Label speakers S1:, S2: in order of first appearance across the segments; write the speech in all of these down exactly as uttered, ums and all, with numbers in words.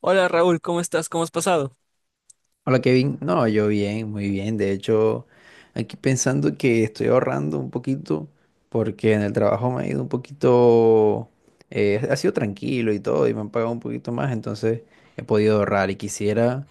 S1: Hola Raúl, ¿cómo estás? ¿Cómo has pasado?
S2: Hola Kevin, no, yo bien, muy bien. De hecho, aquí pensando que estoy ahorrando un poquito porque en el trabajo me ha ido un poquito, eh, ha sido tranquilo y todo y me han pagado un poquito más, entonces he podido ahorrar y quisiera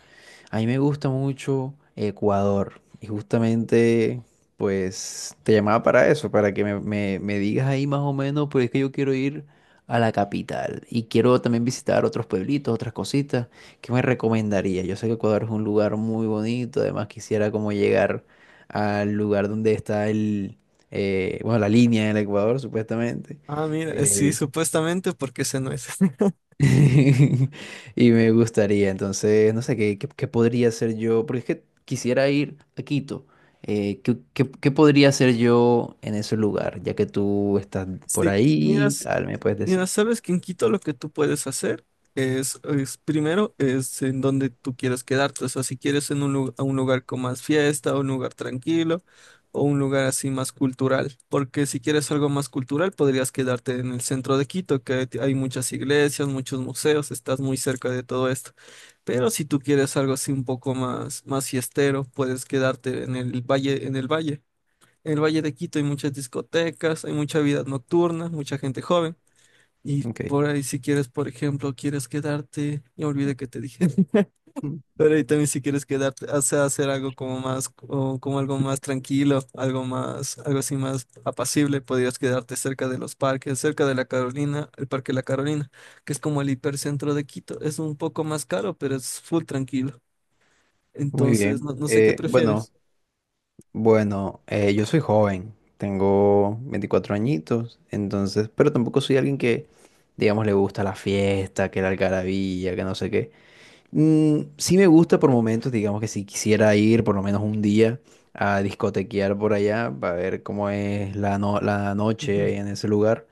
S2: a mí me gusta mucho Ecuador y justamente pues te llamaba para eso, para que me, me- me digas ahí más o menos, porque es que yo quiero ir a la capital y quiero también visitar otros pueblitos, otras cositas. ¿Qué me recomendaría? Yo sé que Ecuador es un lugar muy bonito, además quisiera como llegar al lugar donde está el, eh, bueno, la línea del Ecuador supuestamente.
S1: Ah, mira, eh, sí,
S2: Eh,
S1: supuestamente porque ese no es.
S2: Y me gustaría, entonces, no sé, ¿qué, qué, qué podría hacer yo? Porque es que quisiera ir a Quito. Eh, ¿qué, qué- qué podría hacer yo en ese lugar? Ya que tú estás por
S1: Sí,
S2: ahí,
S1: miras,
S2: tal, me puedes
S1: Mira,
S2: decir.
S1: sabes que en Quito lo que tú puedes hacer es, es primero, es en donde tú quieres quedarte. O sea, si quieres en un, lu- a un lugar con más fiesta, un lugar tranquilo o un lugar así más cultural. Porque si quieres algo más cultural, podrías quedarte en el centro de Quito, que hay hay muchas iglesias, muchos museos, estás muy cerca de todo esto. Pero si tú quieres algo así un poco más, más fiestero, puedes quedarte en el valle, en el valle. En el Valle de Quito hay muchas discotecas, hay mucha vida nocturna, mucha gente joven. Y
S2: Ok,
S1: por ahí si quieres, por ejemplo, quieres quedarte, ya olvidé que te dije.
S2: mm,
S1: Pero ahí también si quieres quedarte, o sea, hacer algo como más, o como algo más tranquilo, algo más, algo así más apacible, podrías quedarte cerca de los parques, cerca de la Carolina, el Parque La Carolina, que es como el hipercentro de Quito. Es un poco más caro, pero es full tranquilo.
S2: muy
S1: Entonces,
S2: bien.
S1: no, no sé qué
S2: Eh, bueno,
S1: prefieres.
S2: bueno, eh, yo soy joven, tengo veinticuatro añitos, entonces, pero tampoco soy alguien que, digamos, le gusta la fiesta, que la algarabía, que no sé qué. Mm, sí me gusta por momentos, digamos que si quisiera ir por lo menos un día a discotequear por allá para ver cómo es la, no- la noche ahí en ese lugar.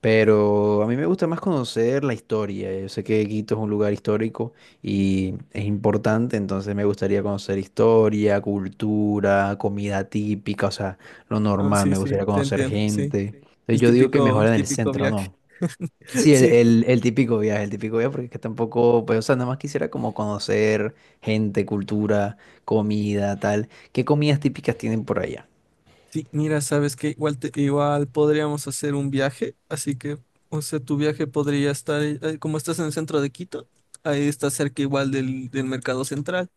S2: Pero a mí me gusta más conocer la historia. Yo sé que Quito es un lugar histórico y es importante, entonces me gustaría conocer historia, cultura, comida típica, o sea, lo
S1: Ah,
S2: normal,
S1: sí,
S2: me
S1: sí,
S2: gustaría
S1: te
S2: conocer
S1: entiendo, sí.
S2: gente. Entonces
S1: El
S2: yo digo que
S1: típico,
S2: mejor
S1: el
S2: en el
S1: típico
S2: centro,
S1: viaje.
S2: ¿no? Sí, el,
S1: Sí,
S2: el, el típico viaje, el típico viaje, porque es que tampoco, pues, o sea, nada más quisiera como conocer gente, cultura, comida, tal. ¿Qué comidas típicas tienen por allá?
S1: sí, mira, sabes que igual, te- igual podríamos hacer un viaje, así que, o sea, tu viaje podría estar, eh, como estás en el centro de Quito, ahí está cerca igual del, del mercado central.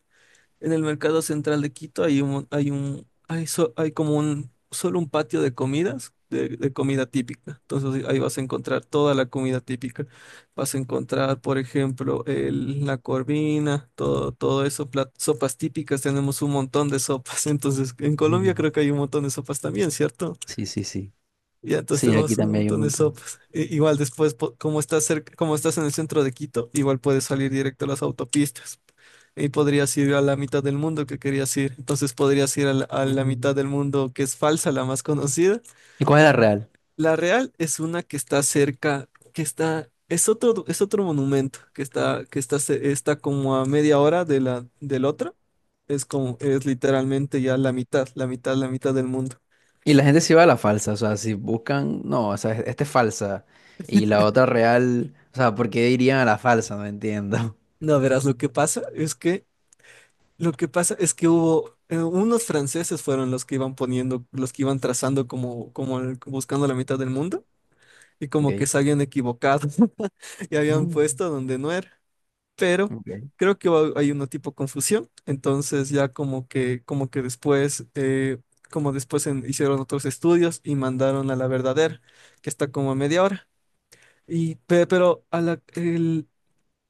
S1: En el mercado central de Quito hay un, hay un, hay, so- hay como un, solo un patio de comidas, de, de comida típica. Entonces ahí vas a encontrar toda la comida típica. Vas a encontrar, por ejemplo, el- la corvina, todo, todo eso, plat- sopas típicas. Tenemos un montón de sopas. Entonces en Colombia
S2: Mm.
S1: creo que hay un montón de sopas también, ¿cierto?
S2: Sí, sí, sí.
S1: Y entonces
S2: Sí, aquí
S1: tenemos un
S2: también hay un
S1: montón de
S2: montón.
S1: sopas. I- igual después, po- como estás cerca, como estás en el centro de Quito, igual puedes salir directo a las autopistas. Y podrías ir a la mitad del mundo que querías ir. Entonces podrías ir a la, a la mitad
S2: Mm.
S1: del mundo que es falsa, la más conocida.
S2: ¿Y cuál es la real?
S1: La real es una que está cerca, que está, es otro, es otro monumento que está, que está, ce- está como a media hora de la, del otro. Es como, es literalmente ya la mitad, la mitad, la mitad del mundo.
S2: Y la gente se va a la falsa, o sea, si buscan, no, o sea, esta es falsa. Y la otra real, o sea, ¿por qué irían a la falsa? No entiendo.
S1: No, verás, lo que pasa es que lo que pasa es que hubo eh, unos franceses fueron los que iban poniendo, los que iban trazando como, como el- buscando la mitad del mundo y
S2: Ok.
S1: como que se habían equivocado y habían
S2: Mm.
S1: puesto donde no era. Pero
S2: Ok.
S1: creo que hubo- hay una tipo confusión, entonces ya como que como que después eh, como después en- hicieron otros estudios y mandaron a la verdadera que está como a media hora. Y pe- pero a la,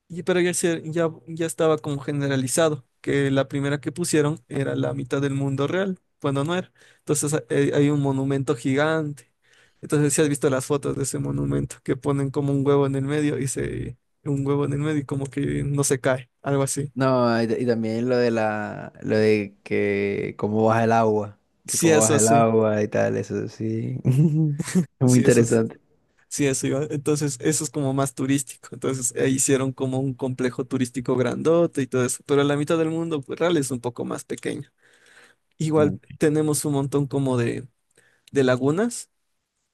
S1: y, pero ya, se- ya, ya estaba como generalizado, que la primera que pusieron era la mitad del mundo real, cuando no era. Entonces ha- eh, hay un monumento gigante. Entonces si has visto las fotos de ese monumento, que ponen como un huevo en el medio y se... un huevo en el medio y como que no se cae, algo así.
S2: No, y, y también lo de la, lo de que cómo baja el agua, que
S1: Sí,
S2: cómo
S1: eso
S2: baja el
S1: sí,
S2: agua y tal, eso sí. Es muy
S1: sí, eso es-
S2: interesante.
S1: sí, eso iba. Entonces eso es como más turístico. Entonces eh, hicieron como un complejo turístico grandote y todo eso, pero la mitad del mundo pues, real es un poco más pequeño. Igual tenemos un montón como de de lagunas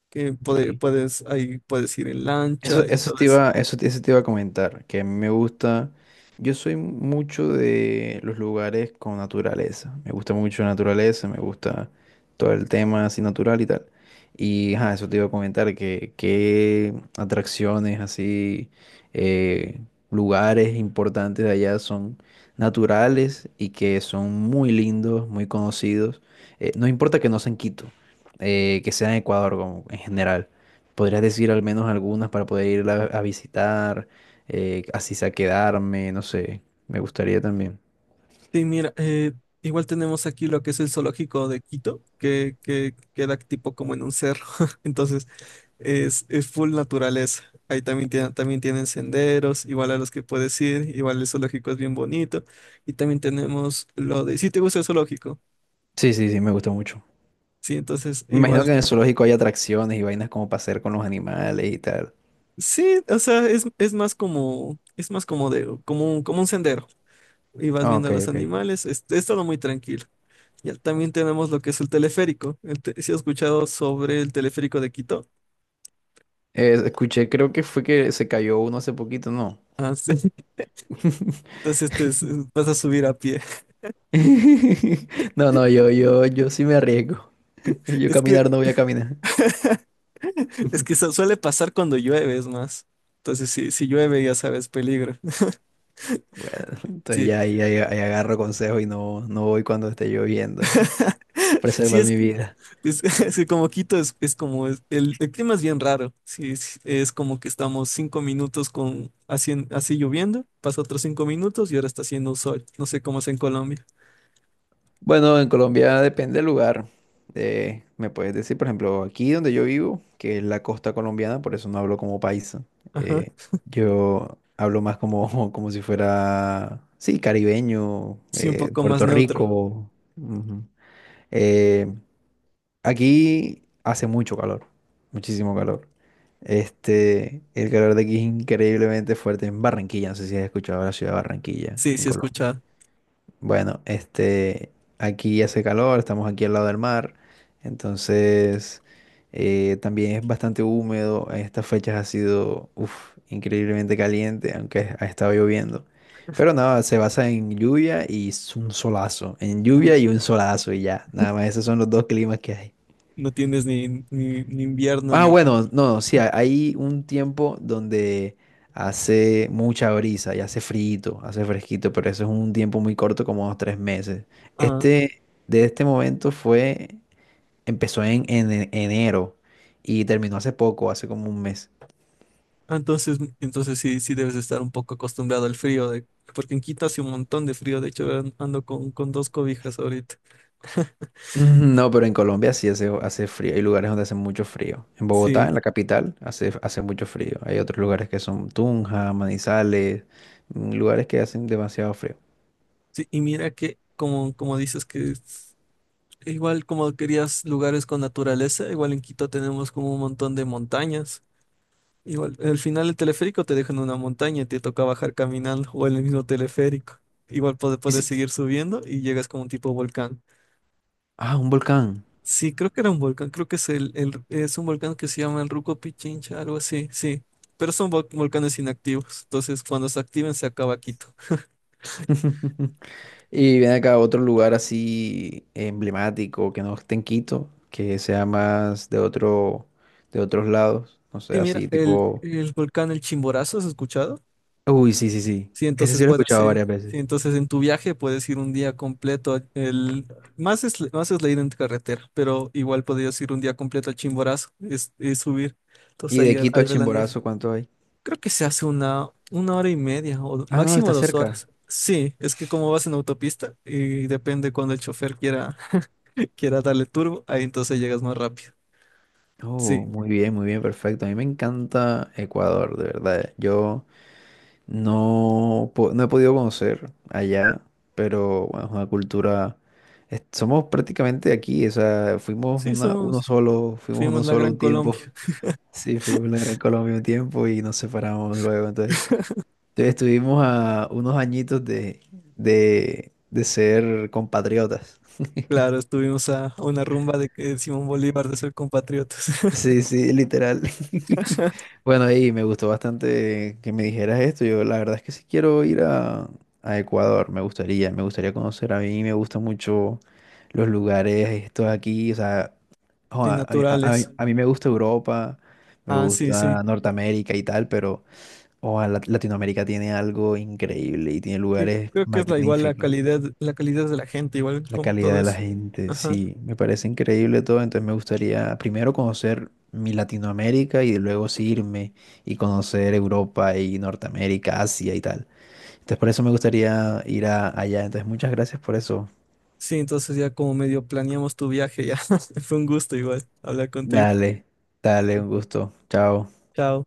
S1: que puede-
S2: Ok.
S1: puedes, ahí puedes ir en lancha
S2: Eso,
S1: y
S2: eso
S1: todo
S2: te
S1: eso.
S2: iba, eso, te- eso te iba a comentar, que a mí me gusta, yo soy mucho de los lugares con naturaleza, me gusta mucho la naturaleza, me gusta todo el tema así natural y tal. Y ajá, eso te iba a comentar, que qué atracciones así, eh, lugares importantes de allá son naturales y que son muy lindos, muy conocidos. Eh, no importa que no sean Quito, eh, que sea en Ecuador como en general. Podrías decir al menos algunas para poder irla a visitar, eh, así sea quedarme, no sé. Me gustaría también.
S1: Sí, mira, eh, igual tenemos aquí lo que es el zoológico de Quito, que, que queda tipo como en un cerro, entonces es, es full naturaleza. Ahí también, tiene- también tienen senderos, igual a los que puedes ir, igual el zoológico es bien bonito. Y también tenemos lo de, si te gusta el zoológico,
S2: Sí, sí, sí, me gusta mucho.
S1: sí, entonces
S2: Me imagino
S1: igual,
S2: que en el zoológico hay atracciones y vainas como para hacer con los animales y tal.
S1: sí, o sea, es, es más como, es más como de, como un- como un sendero. Y vas
S2: Ah,
S1: viendo a
S2: ok,
S1: los
S2: ok.
S1: animales. Es, es todo muy tranquilo. Ya también tenemos lo que es el teleférico. El te- ¿Sí has escuchado sobre el teleférico de Quito?
S2: Eh, escuché, creo que fue que se cayó uno hace poquito, ¿no?
S1: Ah, sí. Entonces este es- Vas a subir a pie.
S2: No, no, yo, yo, yo sí me arriesgo. Yo
S1: Es que,
S2: caminar no voy a caminar.
S1: es que eso suele pasar cuando llueve, es más. Entonces, si, si llueve, ya sabes, peligro.
S2: Bueno, entonces
S1: Sí.
S2: ya ahí, ahí- ahí agarro consejo y no, no voy cuando esté lloviendo.
S1: Sí,
S2: Preservar
S1: es
S2: mi
S1: que,
S2: vida.
S1: es, es que como Quito es, es como es- el, el clima es bien raro. Sí, sí, es como que estamos cinco minutos con así, en- así lloviendo, pasa otros cinco minutos y ahora está haciendo un sol. No sé cómo es en Colombia.
S2: Bueno, en Colombia depende del lugar. Eh, me puedes decir, por ejemplo, aquí donde yo vivo, que es la costa colombiana, por eso no hablo como paisa.
S1: Ajá.
S2: Eh, yo hablo más como, como si fuera, sí, caribeño,
S1: Sí, un
S2: eh,
S1: poco más
S2: Puerto
S1: neutro.
S2: Rico. Ujú. Eh, aquí hace mucho calor, muchísimo calor. Este, el calor de aquí es increíblemente fuerte en Barranquilla. No sé si has escuchado la ciudad de Barranquilla
S1: Sí,
S2: en
S1: sí,
S2: Colombia.
S1: escucha.
S2: Bueno, este, aquí hace calor, estamos aquí al lado del mar, entonces eh, también es bastante húmedo. En estas fechas ha sido, uf, increíblemente caliente, aunque ha estado lloviendo. Pero nada, se basa en lluvia y s- un solazo, en lluvia
S1: Uy,
S2: y un solazo y ya. Nada más, esos son los dos climas que hay.
S1: no tienes ni, ni, ni invierno
S2: Ah,
S1: ni.
S2: bueno, no, sí, ha- hay un tiempo donde hace mucha brisa y hace frito, hace fresquito, pero eso es un tiempo muy corto, como dos, tres meses.
S1: Ah,
S2: Este, de este momento fue, empezó en, en en- enero y terminó hace poco, hace como un mes.
S1: ah, entonces, entonces sí, sí debes estar un poco acostumbrado al frío, de... porque en Quito hace un montón de frío. De hecho, an- ando con, con dos cobijas ahorita.
S2: Mm, no, pero en Colombia sí hace, hace frío. Hay lugares donde hace mucho frío. En Bogotá,
S1: Sí,
S2: en la capital, hace, hace mucho frío. Hay otros lugares que son Tunja, Manizales, mm, lugares que hacen demasiado frío.
S1: sí, y mira que, como, como dices que es- igual como querías lugares con naturaleza, igual en Quito tenemos como un montón de montañas. Igual, al final el teleférico te deja en una montaña y te toca bajar caminando o en el mismo teleférico. Igual puede-
S2: Y
S1: puedes
S2: sí-
S1: seguir subiendo y llegas como un tipo volcán.
S2: Ah, un volcán.
S1: Sí, creo que era un volcán, creo que es el, el- es un volcán que se llama el Ruco Pichincha, algo así, sí. Pero son vol- volcanes inactivos, entonces cuando se activen se acaba Quito.
S2: Y viene acá otro lugar así emblemático que no esté en Quito, que sea más de otro, de otros lados, no sé,
S1: Sí, mira,
S2: así
S1: el,
S2: tipo.
S1: el volcán El Chimborazo, ¿has escuchado?
S2: Uy, sí, sí, sí.
S1: Sí,
S2: Ese
S1: entonces
S2: sí lo he
S1: puedes,
S2: escuchado
S1: eh,
S2: varias veces.
S1: sí, entonces en tu viaje puedes ir un día completo. El, más es, más es la ida en carretera, pero igual podrías ir un día completo al Chimborazo es, y subir. Entonces
S2: Y de
S1: ahí,
S2: Quito
S1: ahí
S2: al
S1: ves la nieve.
S2: Chimborazo, ¿cuánto hay?
S1: Creo que se hace una, una hora y media o
S2: Ah, no,
S1: máximo
S2: está
S1: dos
S2: cerca.
S1: horas. Sí, es que como vas en autopista y depende cuando el chofer quiera, quiera darle turbo, ahí entonces llegas más rápido. Sí,
S2: Oh, muy bien, muy bien, perfecto. A mí me encanta Ecuador, de verdad. Yo No, po- no he podido conocer allá, pero bueno, es una cultura. Es- somos prácticamente aquí, o sea, fuimos
S1: sí,
S2: una, uno
S1: somos,
S2: solo, fuimos
S1: fuimos
S2: uno
S1: la
S2: solo
S1: Gran
S2: un
S1: Colombia.
S2: tiempo. Sí, fuimos la Gran Colombia un tiempo y nos separamos luego. Entonces, entonces estuvimos a unos añitos de, de, de ser compatriotas.
S1: Claro, estuvimos a una rumba de, que Simón Bolívar de ser compatriotas.
S2: Sí, sí, literal. Bueno, y me gustó bastante que me dijeras esto. Yo la verdad es que sí quiero ir a, a Ecuador, me gustaría, me gustaría conocer. A mí me gustan mucho los lugares estos aquí, o sea, jo,
S1: Sí,
S2: a, a- a- a- mí
S1: naturales.
S2: a mí me gusta Europa, me
S1: Ah, sí, sí.
S2: gusta Norteamérica y tal, pero ojalá Latinoamérica tiene algo increíble y tiene
S1: Sí,
S2: lugares
S1: creo que es la igual la
S2: magníficos.
S1: calidad, la calidad de la gente, igual
S2: La
S1: como
S2: calidad
S1: todo
S2: de la
S1: eso.
S2: gente,
S1: Ajá.
S2: sí, me parece increíble todo, entonces me gustaría primero conocer mi Latinoamérica y luego sí irme y conocer Europa y Norteamérica, Asia y tal. Entonces por eso me gustaría ir a- allá, entonces muchas gracias por eso.
S1: Sí, entonces ya como medio planeamos tu viaje, ya. Fue un gusto igual hablar contigo.
S2: Dale, dale, un gusto, chao.
S1: Chao.